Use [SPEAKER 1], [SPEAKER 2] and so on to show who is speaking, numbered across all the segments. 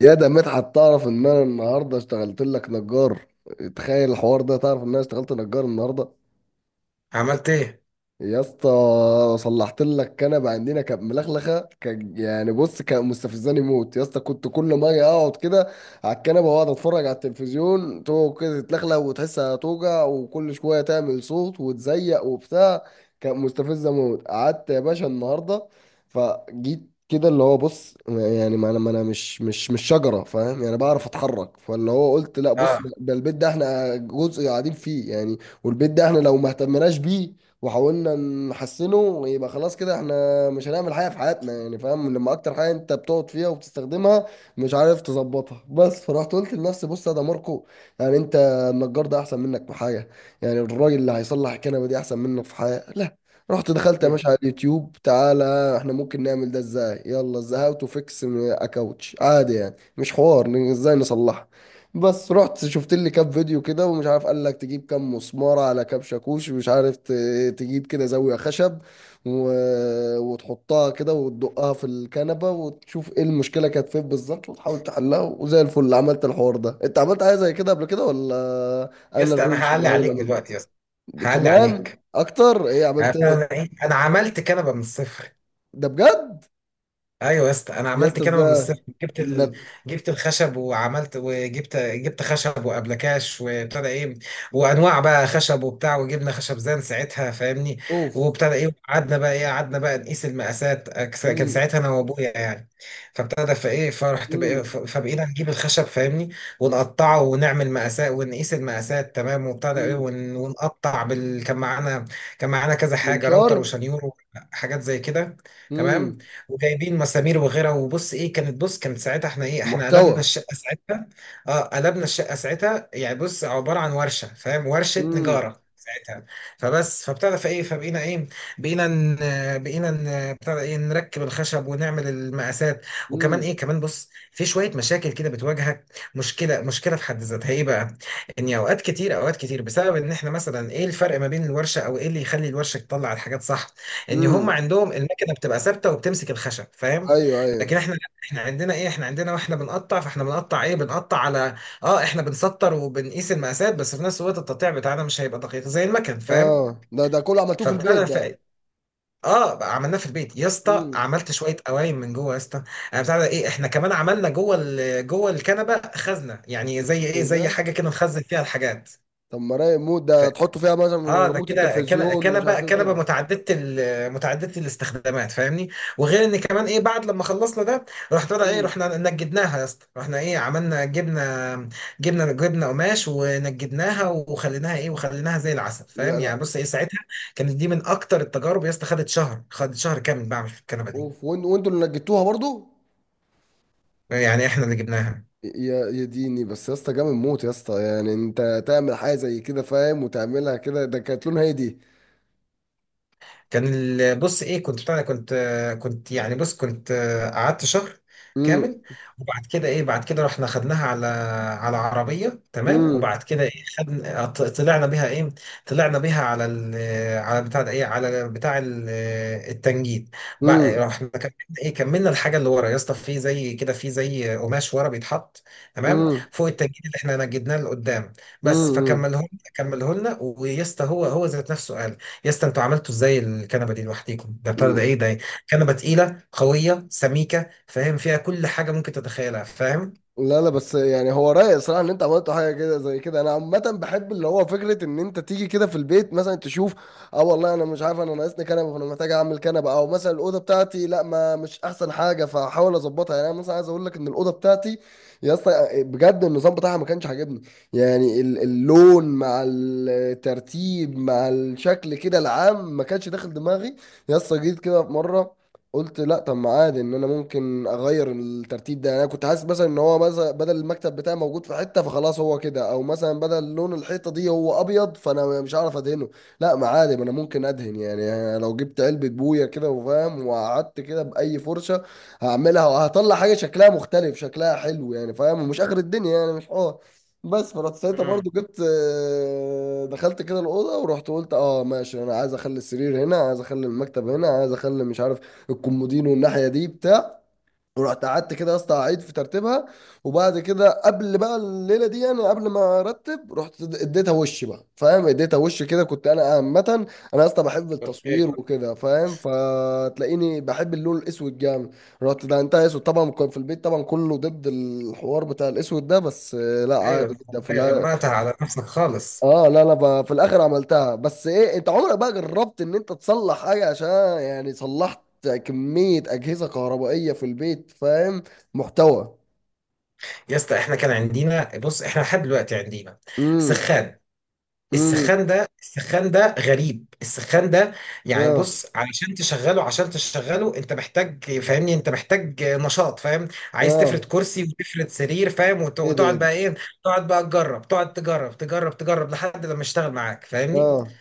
[SPEAKER 1] يا ده مدحت، تعرف ان انا النهارده اشتغلت لك نجار؟ تخيل الحوار ده، تعرف ان انا اشتغلت نجار النهارده؟
[SPEAKER 2] عملت ايه؟
[SPEAKER 1] يا اسطى صلحت لك كنبه عندنا كانت ملخلخه، كان يعني بص كان مستفزاني موت يا اسطى. كنت كل ما اجي اقعد كده على الكنبه واقعد اتفرج على التلفزيون تقعد كده تتلخلخ وتحسها توجع وكل شويه تعمل صوت وتزيق وبتاع. كانت مستفزه موت. قعدت يا باشا النهارده فجيت كده، اللي هو بص يعني ما انا مش شجره، فاهم؟ يعني بعرف اتحرك، فاللي هو قلت لا بص،
[SPEAKER 2] اه.
[SPEAKER 1] ده البيت ده احنا جزء قاعدين فيه يعني. والبيت ده احنا لو ما اهتمناش بيه وحاولنا نحسنه، يبقى خلاص كده احنا مش هنعمل حاجه في حياتنا يعني، فاهم؟ لما اكتر حاجه انت بتقعد فيها وبتستخدمها مش عارف تظبطها. بس فرحت قلت لنفسي بص يا ده ماركو، يعني انت النجار ده احسن منك في حاجه؟ يعني الراجل اللي هيصلح الكنبه دي احسن منك في حاجه؟ لا. رحت دخلت يا
[SPEAKER 2] مم.
[SPEAKER 1] باشا على اليوتيوب، تعالى احنا ممكن نعمل ده ازاي؟ يلا ازاي، هاو تو فيكس اكاوتش عادي يعني مش حوار ازاي نصلحها. بس رحت شفت لي كام فيديو كده ومش عارف، قال لك تجيب كام مسمارة على كام شاكوش، ومش عارف تجيب كده زاوية خشب و... وتحطها كده وتدقها في الكنبة وتشوف ايه المشكلة كانت فين بالظبط وتحاول تحلها، وزي الفل عملت الحوار ده. انت عملت حاجة زي كده قبل كده ولا؟
[SPEAKER 2] يا
[SPEAKER 1] انا
[SPEAKER 2] اسطى انا
[SPEAKER 1] الروش
[SPEAKER 2] هعلي
[SPEAKER 1] الوحيد اللي
[SPEAKER 2] عليك
[SPEAKER 1] عملت
[SPEAKER 2] دلوقتي يا اسطى، هعلي
[SPEAKER 1] كمان
[SPEAKER 2] عليك.
[SPEAKER 1] اكتر، ايه عملت
[SPEAKER 2] انا أنا
[SPEAKER 1] ايه؟
[SPEAKER 2] ايه انا عملت كنبه من الصفر.
[SPEAKER 1] ده بجد؟
[SPEAKER 2] ايوه يا اسطى، انا
[SPEAKER 1] يا
[SPEAKER 2] عملت
[SPEAKER 1] اسطى
[SPEAKER 2] كده من
[SPEAKER 1] ازاي؟
[SPEAKER 2] الصفر.
[SPEAKER 1] ده-
[SPEAKER 2] جبت الخشب وعملت وجبت خشب وابلكاش، وابتدى ايه، وانواع بقى خشب وبتاع، وجبنا خشب زان ساعتها فاهمني.
[SPEAKER 1] اوف.
[SPEAKER 2] وابتدى ايه، قعدنا بقى ايه، قعدنا بقى نقيس المقاسات، كان
[SPEAKER 1] امم.
[SPEAKER 2] ساعتها انا وابويا يعني. فابتدى فايه، فرحت بقى،
[SPEAKER 1] امم.
[SPEAKER 2] فبقينا نجيب الخشب فاهمني، ونقطعه ونعمل مقاسات، ونقيس المقاسات تمام. وابتدى ايه
[SPEAKER 1] امم.
[SPEAKER 2] ونقطع بال، كان معانا، كان معانا كذا حاجه، راوتر
[SPEAKER 1] منشار.
[SPEAKER 2] وشنيور وحاجات زي كده تمام.
[SPEAKER 1] امم.
[SPEAKER 2] وجايبين مسامير وغيرها. وبص ايه كانت، بص كانت ساعتها احنا ايه، احنا
[SPEAKER 1] محتوى.
[SPEAKER 2] قلبنا الشقه ساعتها. اه قلبنا الشقه ساعتها، يعني بص عباره عن ورشه فاهم، ورشه نجاره ساعتها. فبس فابتدى فايه، فبقينا ايه، بقينا بتاع ده ايه، نركب الخشب ونعمل المقاسات. وكمان
[SPEAKER 1] امم.
[SPEAKER 2] ايه، كمان بص في شويه مشاكل كده بتواجهك. مشكله، مشكله في حد ذاتها ايه بقى، ان اوقات كتير، اوقات كتير بسبب ان احنا مثلا ايه الفرق ما بين الورشه او ايه اللي يخلي الورشه تطلع الحاجات صح. ان هم
[SPEAKER 1] امم.
[SPEAKER 2] عندهم المكنه بتبقى ثابته وبتمسك الخشب فاهم.
[SPEAKER 1] ايوه ايوه.
[SPEAKER 2] لكن احنا لا، احنا عندنا ايه، احنا عندنا واحنا بنقطع، فاحنا بنقطع ايه، بنقطع على، اه احنا بنسطر وبنقيس المقاسات، بس في نفس الوقت التقطيع بتاعنا مش هيبقى دقيق زي المكن فاهم.
[SPEAKER 1] اه، ده كله عملتوه في
[SPEAKER 2] فبتاع
[SPEAKER 1] البيت
[SPEAKER 2] ده ف...
[SPEAKER 1] ده؟
[SPEAKER 2] اه بقى عملناه في البيت يا اسطى،
[SPEAKER 1] امم.
[SPEAKER 2] عملت شويه قوايم من جوه يا اسطى. آه، بتاع ده ايه، احنا كمان عملنا جوه الكنبه خزنه، يعني زي ايه،
[SPEAKER 1] ايه
[SPEAKER 2] زي
[SPEAKER 1] ده؟
[SPEAKER 2] حاجه كده نخزن فيها الحاجات.
[SPEAKER 1] طب ما رايق موت ده، تحطوا فيها مثلا
[SPEAKER 2] اه ده
[SPEAKER 1] ريموت
[SPEAKER 2] كده
[SPEAKER 1] التلفزيون مش
[SPEAKER 2] كنبه،
[SPEAKER 1] عارف ايه وكده.
[SPEAKER 2] متعدده الاستخدامات فاهمني. وغير ان كمان ايه، بعد لما خلصنا ده، رحت بقى ايه،
[SPEAKER 1] امم.
[SPEAKER 2] رحنا نجدناها يا اسطى، رحنا ايه، عملنا جبنا، جبنا قماش ونجدناها وخليناها ايه، وخليناها زي العسل
[SPEAKER 1] لا
[SPEAKER 2] فاهم. يعني
[SPEAKER 1] لا.
[SPEAKER 2] بص ايه ساعتها، كانت دي من اكتر التجارب يا اسطى، خدت شهر، خدت شهر كامل بعمل في الكنبه دي.
[SPEAKER 1] اوف، وانتوا اللي نجدتوها برضو؟
[SPEAKER 2] يعني احنا اللي جبناها.
[SPEAKER 1] يا يا ديني، بس يا اسطى جامد موت يا اسطى، يعني انت تعمل حاجه زي كده فاهم وتعملها كده. ده كانت لونها ايه دي؟
[SPEAKER 2] بص ايه، كنت بتاع ده، كنت يعني بص، كنت قعدت شهر
[SPEAKER 1] امم.
[SPEAKER 2] كامل. وبعد كده ايه، بعد كده رحنا خدناها على، على عربية تمام.
[SPEAKER 1] امم.
[SPEAKER 2] وبعد كده ايه، خدنا طلعنا بيها ايه، طلعنا بيها على ال، على بتاع ده ايه، التنجيد. رحنا كملنا ايه، كملنا الحاجة اللي ورا يا اسطى، في زي كده في زي قماش ورا بيتحط تمام،
[SPEAKER 1] امم.
[SPEAKER 2] فوق التنجيد اللي احنا نجدناه لقدام. بس
[SPEAKER 1] امم.
[SPEAKER 2] فكمله، كمله لنا. ويا اسطى، هو ذات نفسه قال، يا اسطى انتوا عملتوا ازاي الكنبه دي لوحديكم؟ ده بتاع ده ايه ده، كنبه تقيله قويه سميكه فاهم، فيها كل حاجه ممكن تتخيلها فاهم.
[SPEAKER 1] لا لا، بس يعني هو رايق صراحة ان انت عملت حاجة كده زي كده. انا عامة بحب اللي هو فكرة ان انت تيجي كده في البيت مثلا تشوف. اه والله انا مش عارف، انا ناقصني كنبة فانا محتاج اعمل كنبة، او مثلا الأوضة بتاعتي لا ما مش احسن حاجة فاحاول اظبطها، يعني انا مثلا عايز اقول لك ان الأوضة بتاعتي يا اسطى آه، بجد النظام بتاعها ما كانش عاجبني. يعني اللون مع الترتيب مع الشكل كده العام ما كانش داخل دماغي. يا اسطى جيت كده في مرة قلت لا، طب ما عادي ان انا ممكن اغير الترتيب ده. يعني انا كنت حاسس مثلا ان هو مثلا بدل المكتب بتاعي موجود في حته فخلاص هو كده، او مثلا بدل لون الحيطه دي هو ابيض فانا مش هعرف ادهنه. لا ما عادي، ما انا ممكن ادهن يعني. أنا لو جبت علبه بويه كده وفاهم وقعدت كده باي فرشه هعملها وهطلع حاجه شكلها مختلف شكلها حلو يعني، فاهم؟ ومش اخر الدنيا يعني، مش حوار. بس فرحت ساعتها
[SPEAKER 2] امم.
[SPEAKER 1] برضو جبت آه، دخلت كده الاوضه ورحت قلت اه ماشي انا عايز اخلي السرير هنا، عايز اخلي المكتب هنا، عايز اخلي مش عارف الكومودينو والناحيه دي بتاع. ورحت قعدت كده يا اسطى اعيد في ترتيبها. وبعد كده قبل بقى الليله دي، يعني قبل ما ارتب رحت اديتها وش بقى فاهم، اديتها وش كده. كنت انا عامه انا يا اسطى بحب
[SPEAKER 2] اوكي.
[SPEAKER 1] التصوير وكده فاهم، فتلاقيني بحب اللون الاسود جامد. رحت ده انت اسود طبعا، كان في البيت طبعا كله ضد الحوار بتاع الاسود ده، بس آه، لا عادي
[SPEAKER 2] ايوه
[SPEAKER 1] جدا. في
[SPEAKER 2] والله، غمقتها على نفسك خالص.
[SPEAKER 1] اه، لا انا في الاخر عملتها. بس ايه، انت عمرك بقى جربت ان انت تصلح حاجه عشان؟ يعني صلحت كميه اجهزه كهربائيه في البيت، فاهم؟ محتوى.
[SPEAKER 2] يا اسطى احنا كان عندنا بص، احنا لحد دلوقتي عندنا
[SPEAKER 1] امم.
[SPEAKER 2] سخان.
[SPEAKER 1] امم.
[SPEAKER 2] السخان ده، السخان ده غريب السخان ده. يعني
[SPEAKER 1] اه.
[SPEAKER 2] بص، علشان تشغله، عشان تشغله انت محتاج فاهمني، انت محتاج نشاط فاهم. عايز تفرد
[SPEAKER 1] اه.
[SPEAKER 2] كرسي وتفرد سرير فاهم،
[SPEAKER 1] ايه ده، ايه
[SPEAKER 2] وتقعد
[SPEAKER 1] ده؟
[SPEAKER 2] بقى ايه، تقعد بقى تجرب، تقعد تجرب، تجرب لحد لما يشتغل معاك فاهمني.
[SPEAKER 1] اه.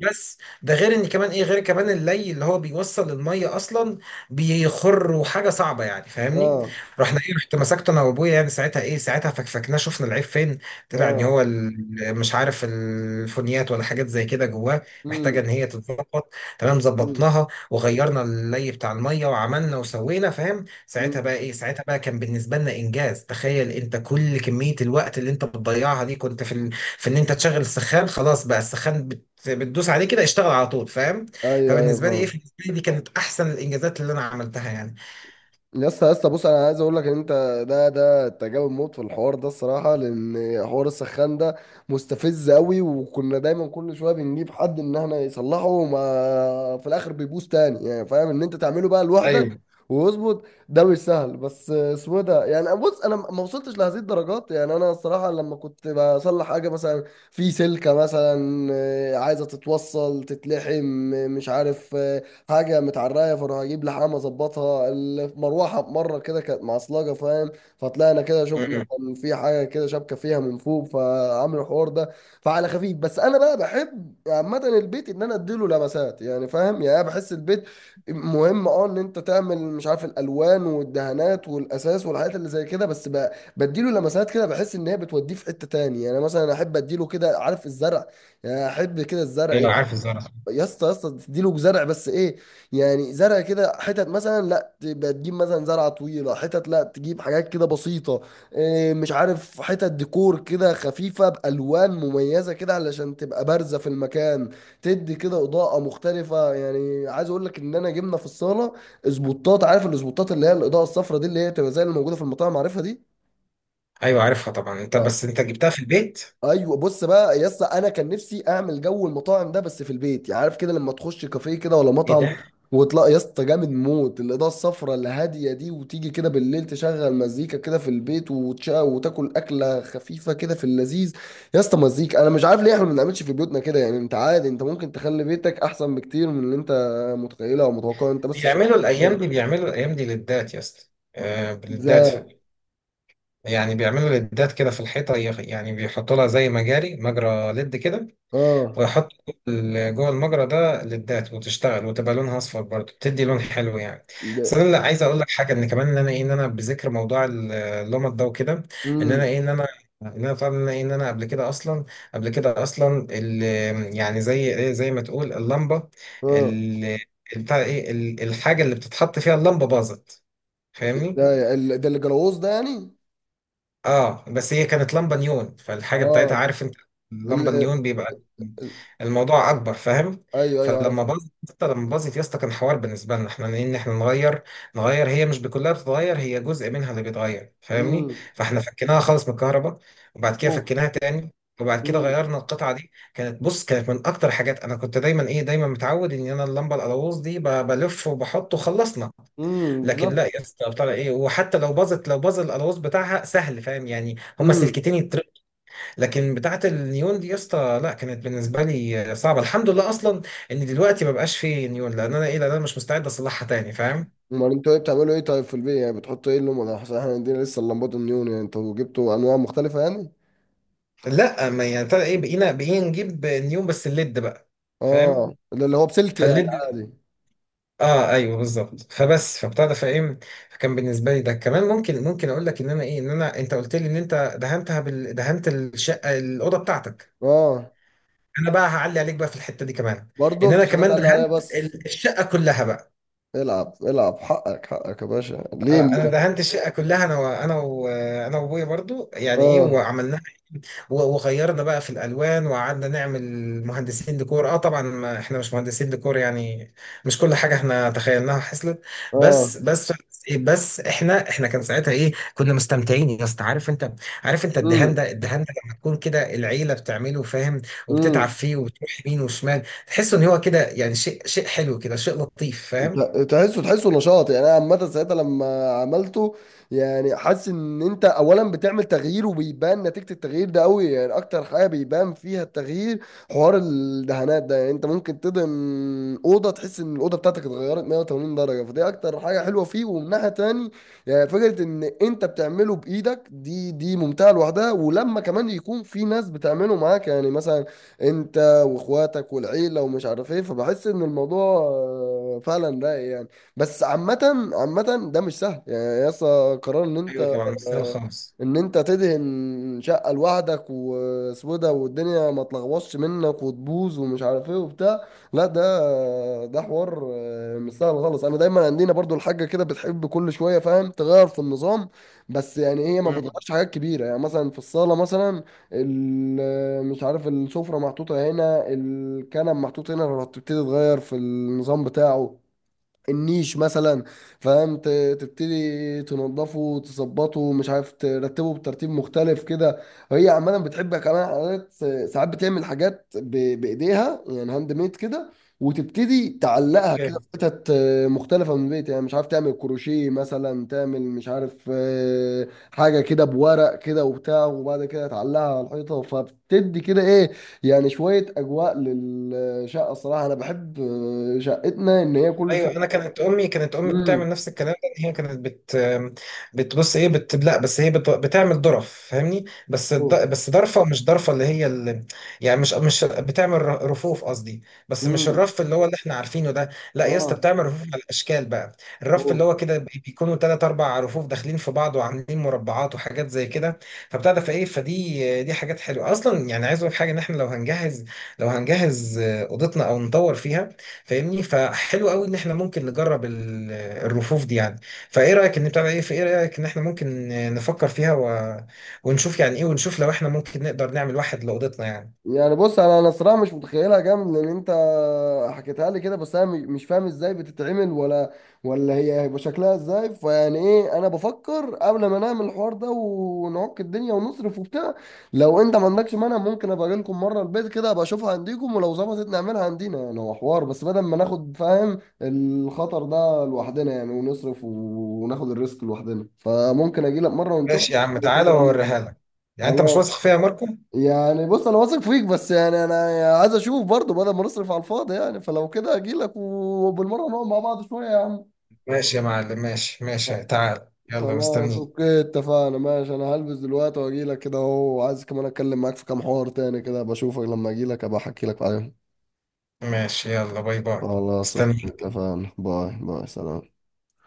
[SPEAKER 2] بس ده غير ان كمان ايه، غير كمان اللي هو بيوصل الميه اصلا بيخر وحاجه صعبه يعني فاهمني.
[SPEAKER 1] اه.
[SPEAKER 2] رحنا ايه، رحت مسكته انا وابويا يعني ساعتها ايه، ساعتها فكفكناه، شفنا العيب فين. طلع ان
[SPEAKER 1] اه.
[SPEAKER 2] هو مش عارف الفونيات ولا حاجات زي كده جواه، محتاجه ان
[SPEAKER 1] امم.
[SPEAKER 2] هي تتظبط. تمام،
[SPEAKER 1] امم.
[SPEAKER 2] ظبطناها وغيرنا اللي بتاع الميه وعملنا وسوينا فاهم. ساعتها
[SPEAKER 1] أمم.
[SPEAKER 2] بقى ايه، ساعتها بقى كان بالنسبه لنا انجاز. تخيل انت كل كميه الوقت اللي انت بتضيعها دي كنت في، في ان انت تشغل السخان، خلاص بقى السخان بتدوس عليه كده اشتغل على طول فاهم.
[SPEAKER 1] ايوه ايوه،
[SPEAKER 2] فبالنسبه لي ايه،
[SPEAKER 1] فاهم.
[SPEAKER 2] بالنسبه لي دي كانت احسن الانجازات اللي انا عملتها يعني.
[SPEAKER 1] يا اسطى يا اسطى بص، انا عايز اقول لك ان انت ده تجاوب موت في الحوار ده الصراحه، لان حوار السخان ده مستفز قوي، وكنا دايما كل شويه بنجيب حد ان احنا يصلحه وما في الاخر بيبوظ تاني يعني، فاهم؟ ان انت تعمله بقى لوحدك
[SPEAKER 2] ايوه.
[SPEAKER 1] ويظبط، ده مش سهل. بس اسمه إيه ده، يعني بص انا ما وصلتش لهذه الدرجات يعني، انا الصراحه لما كنت بصلح حاجه مثلا، في سلكه مثلا آه، عايزه تتوصل تتلحم آه، مش عارف آه، حاجه متعرايه فاروح اجيب لحام اظبطها. المروحه مره كده كانت معصلجه، فاهم؟ فطلعنا كده شفنا
[SPEAKER 2] م-م.
[SPEAKER 1] كان في حاجه كده شبكه فيها من فوق فعملوا الحوار ده. فعلى خفيف، بس انا بقى بحب عامه البيت ان انا اديله لمسات يعني، فاهم؟ يعني انا بحس البيت مهم، اه ان انت تعمل مش عارف الالوان والدهانات والاساس والحاجات اللي زي كده. بس بقى بديله لمسات كده بحس ان هي بتوديه في حته تاني يعني. مثلا احب اديله كده، عارف الزرع؟ يعني احب كده الزرع.
[SPEAKER 2] ايوه عارف الزرع.
[SPEAKER 1] يا اسطى يا اسطى، تديله زرع بس ايه، يعني زرع كده حتت مثلا، لا تبقى تجيب مثلا زرعه طويله حتت، لا تجيب حاجات كده بسيطه، إيه مش عارف حتت ديكور كده خفيفه بالوان مميزه كده علشان تبقى بارزه في المكان. تدي كده اضاءه مختلفه. يعني عايز اقول لك ان انا جبنا في الصاله اسبوتات، عارف الاسبوتات اللي هي الاضاءه الصفراء دي، اللي هي بتبقى زي اللي موجوده في المطاعم، عارفها دي؟
[SPEAKER 2] ايوه عارفها طبعا انت، بس انت جبتها في البيت؟
[SPEAKER 1] ايوه بص بقى يا اسطى، انا كان نفسي اعمل جو المطاعم ده بس في البيت، يعني عارف كده لما تخش كافيه كده ولا
[SPEAKER 2] ايه
[SPEAKER 1] مطعم
[SPEAKER 2] ده.
[SPEAKER 1] وتلاقي يا اسطى جامد موت الاضاءه الصفراء اللي هاديه دي، وتيجي كده بالليل تشغل مزيكا كده في البيت وتشا وتاكل اكله خفيفه كده في اللذيذ. يا اسطى مزيكا، انا مش عارف ليه احنا ما بنعملش في بيوتنا كده يعني. انت عادي انت ممكن تخلي بيتك احسن بكتير من اللي انت متخيله او متوقعه، انت بس عشان.
[SPEAKER 2] بيعملوا الايام دي، بيعملوا الايام دي للدات يا اسطى. آه، للدات. في
[SPEAKER 1] ازاي؟
[SPEAKER 2] يعني بيعملوا للدات كده في الحيطه، يعني بيحطوا لها زي مجاري، مجرى ليد كده،
[SPEAKER 1] اه.
[SPEAKER 2] ويحط جوه المجرى ده للذات، وتشتغل وتبقى لونها اصفر برضه، بتدي لون حلو يعني. بس
[SPEAKER 1] ده.
[SPEAKER 2] انا لا، عايز اقول لك حاجه، ان كمان ان انا ايه، ان انا بذكر موضوع اللمط ده وكده. ان انا
[SPEAKER 1] امم.
[SPEAKER 2] ايه، ان انا، ان انا طبعا ان انا إيه، إن أنا قبل كده اصلا، قبل كده اصلا يعني زي ايه، زي ما تقول اللمبه،
[SPEAKER 1] اه.
[SPEAKER 2] ال- بتاع ايه، الحاجه اللي بتتحط فيها اللمبه باظت فاهمني.
[SPEAKER 1] ازاي؟ ده اللي جلوز ده يعني؟
[SPEAKER 2] اه بس هي كانت لمبة نيون، فالحاجة بتاعتها
[SPEAKER 1] اه.
[SPEAKER 2] عارف انت، اللمبة
[SPEAKER 1] ال-
[SPEAKER 2] نيون بيبقى الموضوع اكبر فاهم.
[SPEAKER 1] ايوه ايوه، عارف.
[SPEAKER 2] فلما باظت يا اسطى، لما باظت يا اسطى، كان حوار بالنسبة لنا احنا ان احنا نغير، نغير هي مش بكلها بتتغير، هي جزء منها اللي بيتغير فاهمني.
[SPEAKER 1] امم.
[SPEAKER 2] فاحنا فكيناها خالص من الكهرباء، وبعد كده
[SPEAKER 1] اوف.
[SPEAKER 2] فكيناها تاني، وبعد كده
[SPEAKER 1] امم.
[SPEAKER 2] غيرنا القطعة دي. كانت بص، كانت من اكتر حاجات انا كنت دايما ايه، دايما متعود ان انا اللمبة القلاووز دي بلف وبحط وخلصنا.
[SPEAKER 1] امم،
[SPEAKER 2] لكن لا
[SPEAKER 1] بالظبط.
[SPEAKER 2] يا اسطى بتاع ايه، وحتى لو باظت، لو باظ الالواز بتاعها سهل فاهم، يعني هما
[SPEAKER 1] امم.
[SPEAKER 2] سلكتين يتر... لكن بتاعه النيون دي يا اسطى لا، كانت بالنسبه لي صعبه. الحمد لله اصلا ان دلوقتي ما بقاش فيه نيون، لان انا ايه، لان انا مش مستعد اصلحها تاني فاهم.
[SPEAKER 1] امال انتوا ايه، بتعملوا ايه طيب في البيت، يعني بتحطوا ايه اللون ده؟ احنا عندنا لسه اللمبات النيون، يعني انتوا جبتوا انواع مختلفه يعني؟
[SPEAKER 2] لا ما يعني بتاع ايه، بقينا، بقينا نجيب نيون بس الليد بقى فاهم.
[SPEAKER 1] اه، ده اللي هو بسلك يعني
[SPEAKER 2] فالليد،
[SPEAKER 1] عادي.
[SPEAKER 2] اه ايوه بالظبط. فبس فبتاع ده فايه، فكان بالنسبه لي ده كمان، ممكن ممكن اقول لك ان انا ايه، ان انا، انت قلت لي ان انت دهنت الشقه الاوضه بتاعتك.
[SPEAKER 1] اه.
[SPEAKER 2] انا بقى هعلي عليك بقى في الحته دي كمان،
[SPEAKER 1] برضه
[SPEAKER 2] ان
[SPEAKER 1] انت
[SPEAKER 2] انا
[SPEAKER 1] شغال
[SPEAKER 2] كمان
[SPEAKER 1] تقلق عليا
[SPEAKER 2] دهنت
[SPEAKER 1] بس.
[SPEAKER 2] الشقه كلها بقى.
[SPEAKER 1] العب العب، حقك حقك يا باشا، ليه
[SPEAKER 2] آه، انا دهنت الشقه كلها انا وانا وانا وابويا برضو يعني ايه،
[SPEAKER 1] اه.
[SPEAKER 2] وعملنا و- وغيرنا بقى في الالوان، وقعدنا نعمل مهندسين ديكور. اه طبعا ما احنا مش مهندسين ديكور يعني، مش كل حاجه احنا تخيلناها حصلت.
[SPEAKER 1] اه.
[SPEAKER 2] بس بس احنا، احنا كان ساعتها ايه، كنا مستمتعين يا اسطى عارف انت. عارف انت الدهان ده، الدهان ده لما تكون كده العيله بتعمله فاهم، وبتتعب
[SPEAKER 1] امم.
[SPEAKER 2] فيه وبتروح يمين وشمال، تحس ان هو كده يعني شيء، شيء حلو كده، شيء لطيف فاهم.
[SPEAKER 1] تحسه نشاط، يعني انا عامه ساعتها لما عملته يعني حاسس ان انت اولا بتعمل تغيير وبيبان نتيجه التغيير ده قوي، يعني اكتر حاجه بيبان فيها التغيير حوار الدهانات ده. يعني انت ممكن تدهن اوضه تحس ان الاوضه بتاعتك اتغيرت 180 درجه، فدي اكتر حاجه حلوه فيه. ومن ناحيه تاني، يعني فكره ان انت بتعمله بايدك دي ممتعه لوحدها، ولما كمان يكون في ناس بتعمله معاك يعني، مثلا انت واخواتك والعيله ومش عارف ايه، فبحس ان الموضوع آه، فعلا رايق يعني. بس عامه ده مش سهل يعني يا اسطى، قرار ان
[SPEAKER 2] ايوه
[SPEAKER 1] انت
[SPEAKER 2] طبعا مش سهل خالص.
[SPEAKER 1] ان انت تدهن شقة لوحدك وسودة والدنيا ما تلغوصش منك وتبوظ ومش عارف ايه وبتاع، لا ده حوار آه، مش سهل خالص. انا دايما عندنا برضو الحاجة كده بتحب كل شوية فاهم تغير في النظام. بس يعني هي ما
[SPEAKER 2] مم.
[SPEAKER 1] بتغيرش حاجات كبيرة، يعني مثلا في الصالة مثلا آه، مش عارف، السفرة محطوطة هنا، الكنب محطوط هنا، هتبتدي تغير في النظام بتاعه. النيش مثلا، فاهم؟ تبتدي تنظفه وتظبطه مش عارف ترتبه بترتيب مختلف كده. هي عمالة بتحب كمان حاجات، ساعات بتعمل حاجات بايديها يعني، هاند ميد كده، وتبتدي تعلقها كده
[SPEAKER 2] اوكي.
[SPEAKER 1] في حتت آه، مختلفة من البيت. يعني مش عارف تعمل كروشيه مثلا، تعمل مش عارف آه، حاجة كده بورق كده وبتاع وبعد كده تعلقها على الحيطة فبتدي كده ايه، يعني شوية أجواء للشقة. الصراحة أنا بحب آه، شقتنا إن هي كل
[SPEAKER 2] ايوه
[SPEAKER 1] شوية.
[SPEAKER 2] انا كانت امي، كانت امي
[SPEAKER 1] امم.
[SPEAKER 2] بتعمل نفس الكلام ده، إن هي كانت بت، بتبص ايه بت، لا بس هي بتعمل ظرف فاهمني، بس
[SPEAKER 1] اوه.
[SPEAKER 2] بس ضرفه مش ضرفه اللي هي ال...، يعني مش بتعمل رفوف قصدي، بس مش
[SPEAKER 1] امم.
[SPEAKER 2] الرف اللي هو اللي احنا عارفينه ده. لا يا اسطى،
[SPEAKER 1] اه.
[SPEAKER 2] بتعمل رفوف على الاشكال بقى. الرف
[SPEAKER 1] اوه.
[SPEAKER 2] اللي هو كده بيكونوا ثلاث اربع رفوف داخلين في بعض وعاملين مربعات وحاجات زي كده. فبتاع ده فايه، فدي حاجات حلوه اصلا. يعني عايز اقول حاجه، ان احنا لو هنجهز، لو هنجهز اوضتنا او نطور فيها فاهمني، فحلو قوي ان احنا ممكن نجرب الرفوف دي يعني. فايه رايك ان بتاع ايه، في ايه رايك ان احنا ممكن نفكر فيها و... ونشوف يعني ايه، ونشوف لو احنا ممكن نقدر نعمل واحد لاوضتنا يعني.
[SPEAKER 1] يعني بص انا الصراحه مش متخيلها جامد، لان انت حكيتها لي كده بس انا مش فاهم ازاي بتتعمل، ولا ولا هي هيبقى شكلها ازاي، فيعني ايه انا بفكر قبل ما نعمل الحوار ده ونعك الدنيا ونصرف وبتاع. لو انت ما عندكش مانع ممكن ابقى اجي لكم مره البيت كده ابقى اشوفها عندكم، ولو ظبطت نعملها عندنا. يعني هو حوار بس بدل ما ناخد فاهم الخطر ده لوحدنا، يعني ونصرف وناخد الريسك لوحدنا، فممكن اجي لك مره ونشوف
[SPEAKER 2] ماشي يا عم،
[SPEAKER 1] ممكن
[SPEAKER 2] تعالى
[SPEAKER 1] نعملها.
[SPEAKER 2] واوريها لك. يعني انت مش
[SPEAKER 1] خلاص،
[SPEAKER 2] واثق فيا يا ماركو؟
[SPEAKER 1] يعني بص انا واثق فيك، بس يعني انا عايز اشوف برضه بدل ما نصرف على الفاضي يعني. فلو كده اجي لك وبالمره نقعد مع بعض شويه يا عم.
[SPEAKER 2] ماشي يا معلم، ماشي تعال يلا
[SPEAKER 1] خلاص
[SPEAKER 2] مستنيك.
[SPEAKER 1] اوكي اتفقنا ماشي، انا هلبس دلوقتي واجي لك كده اهو، وعايز كمان اتكلم معاك في كام حوار تاني كده بشوفك لما اجي لك ابقى احكي لك عليهم.
[SPEAKER 2] ماشي، يلا باي باي.
[SPEAKER 1] خلاص اوكي
[SPEAKER 2] مستنيك.
[SPEAKER 1] اتفقنا، باي باي، سلام.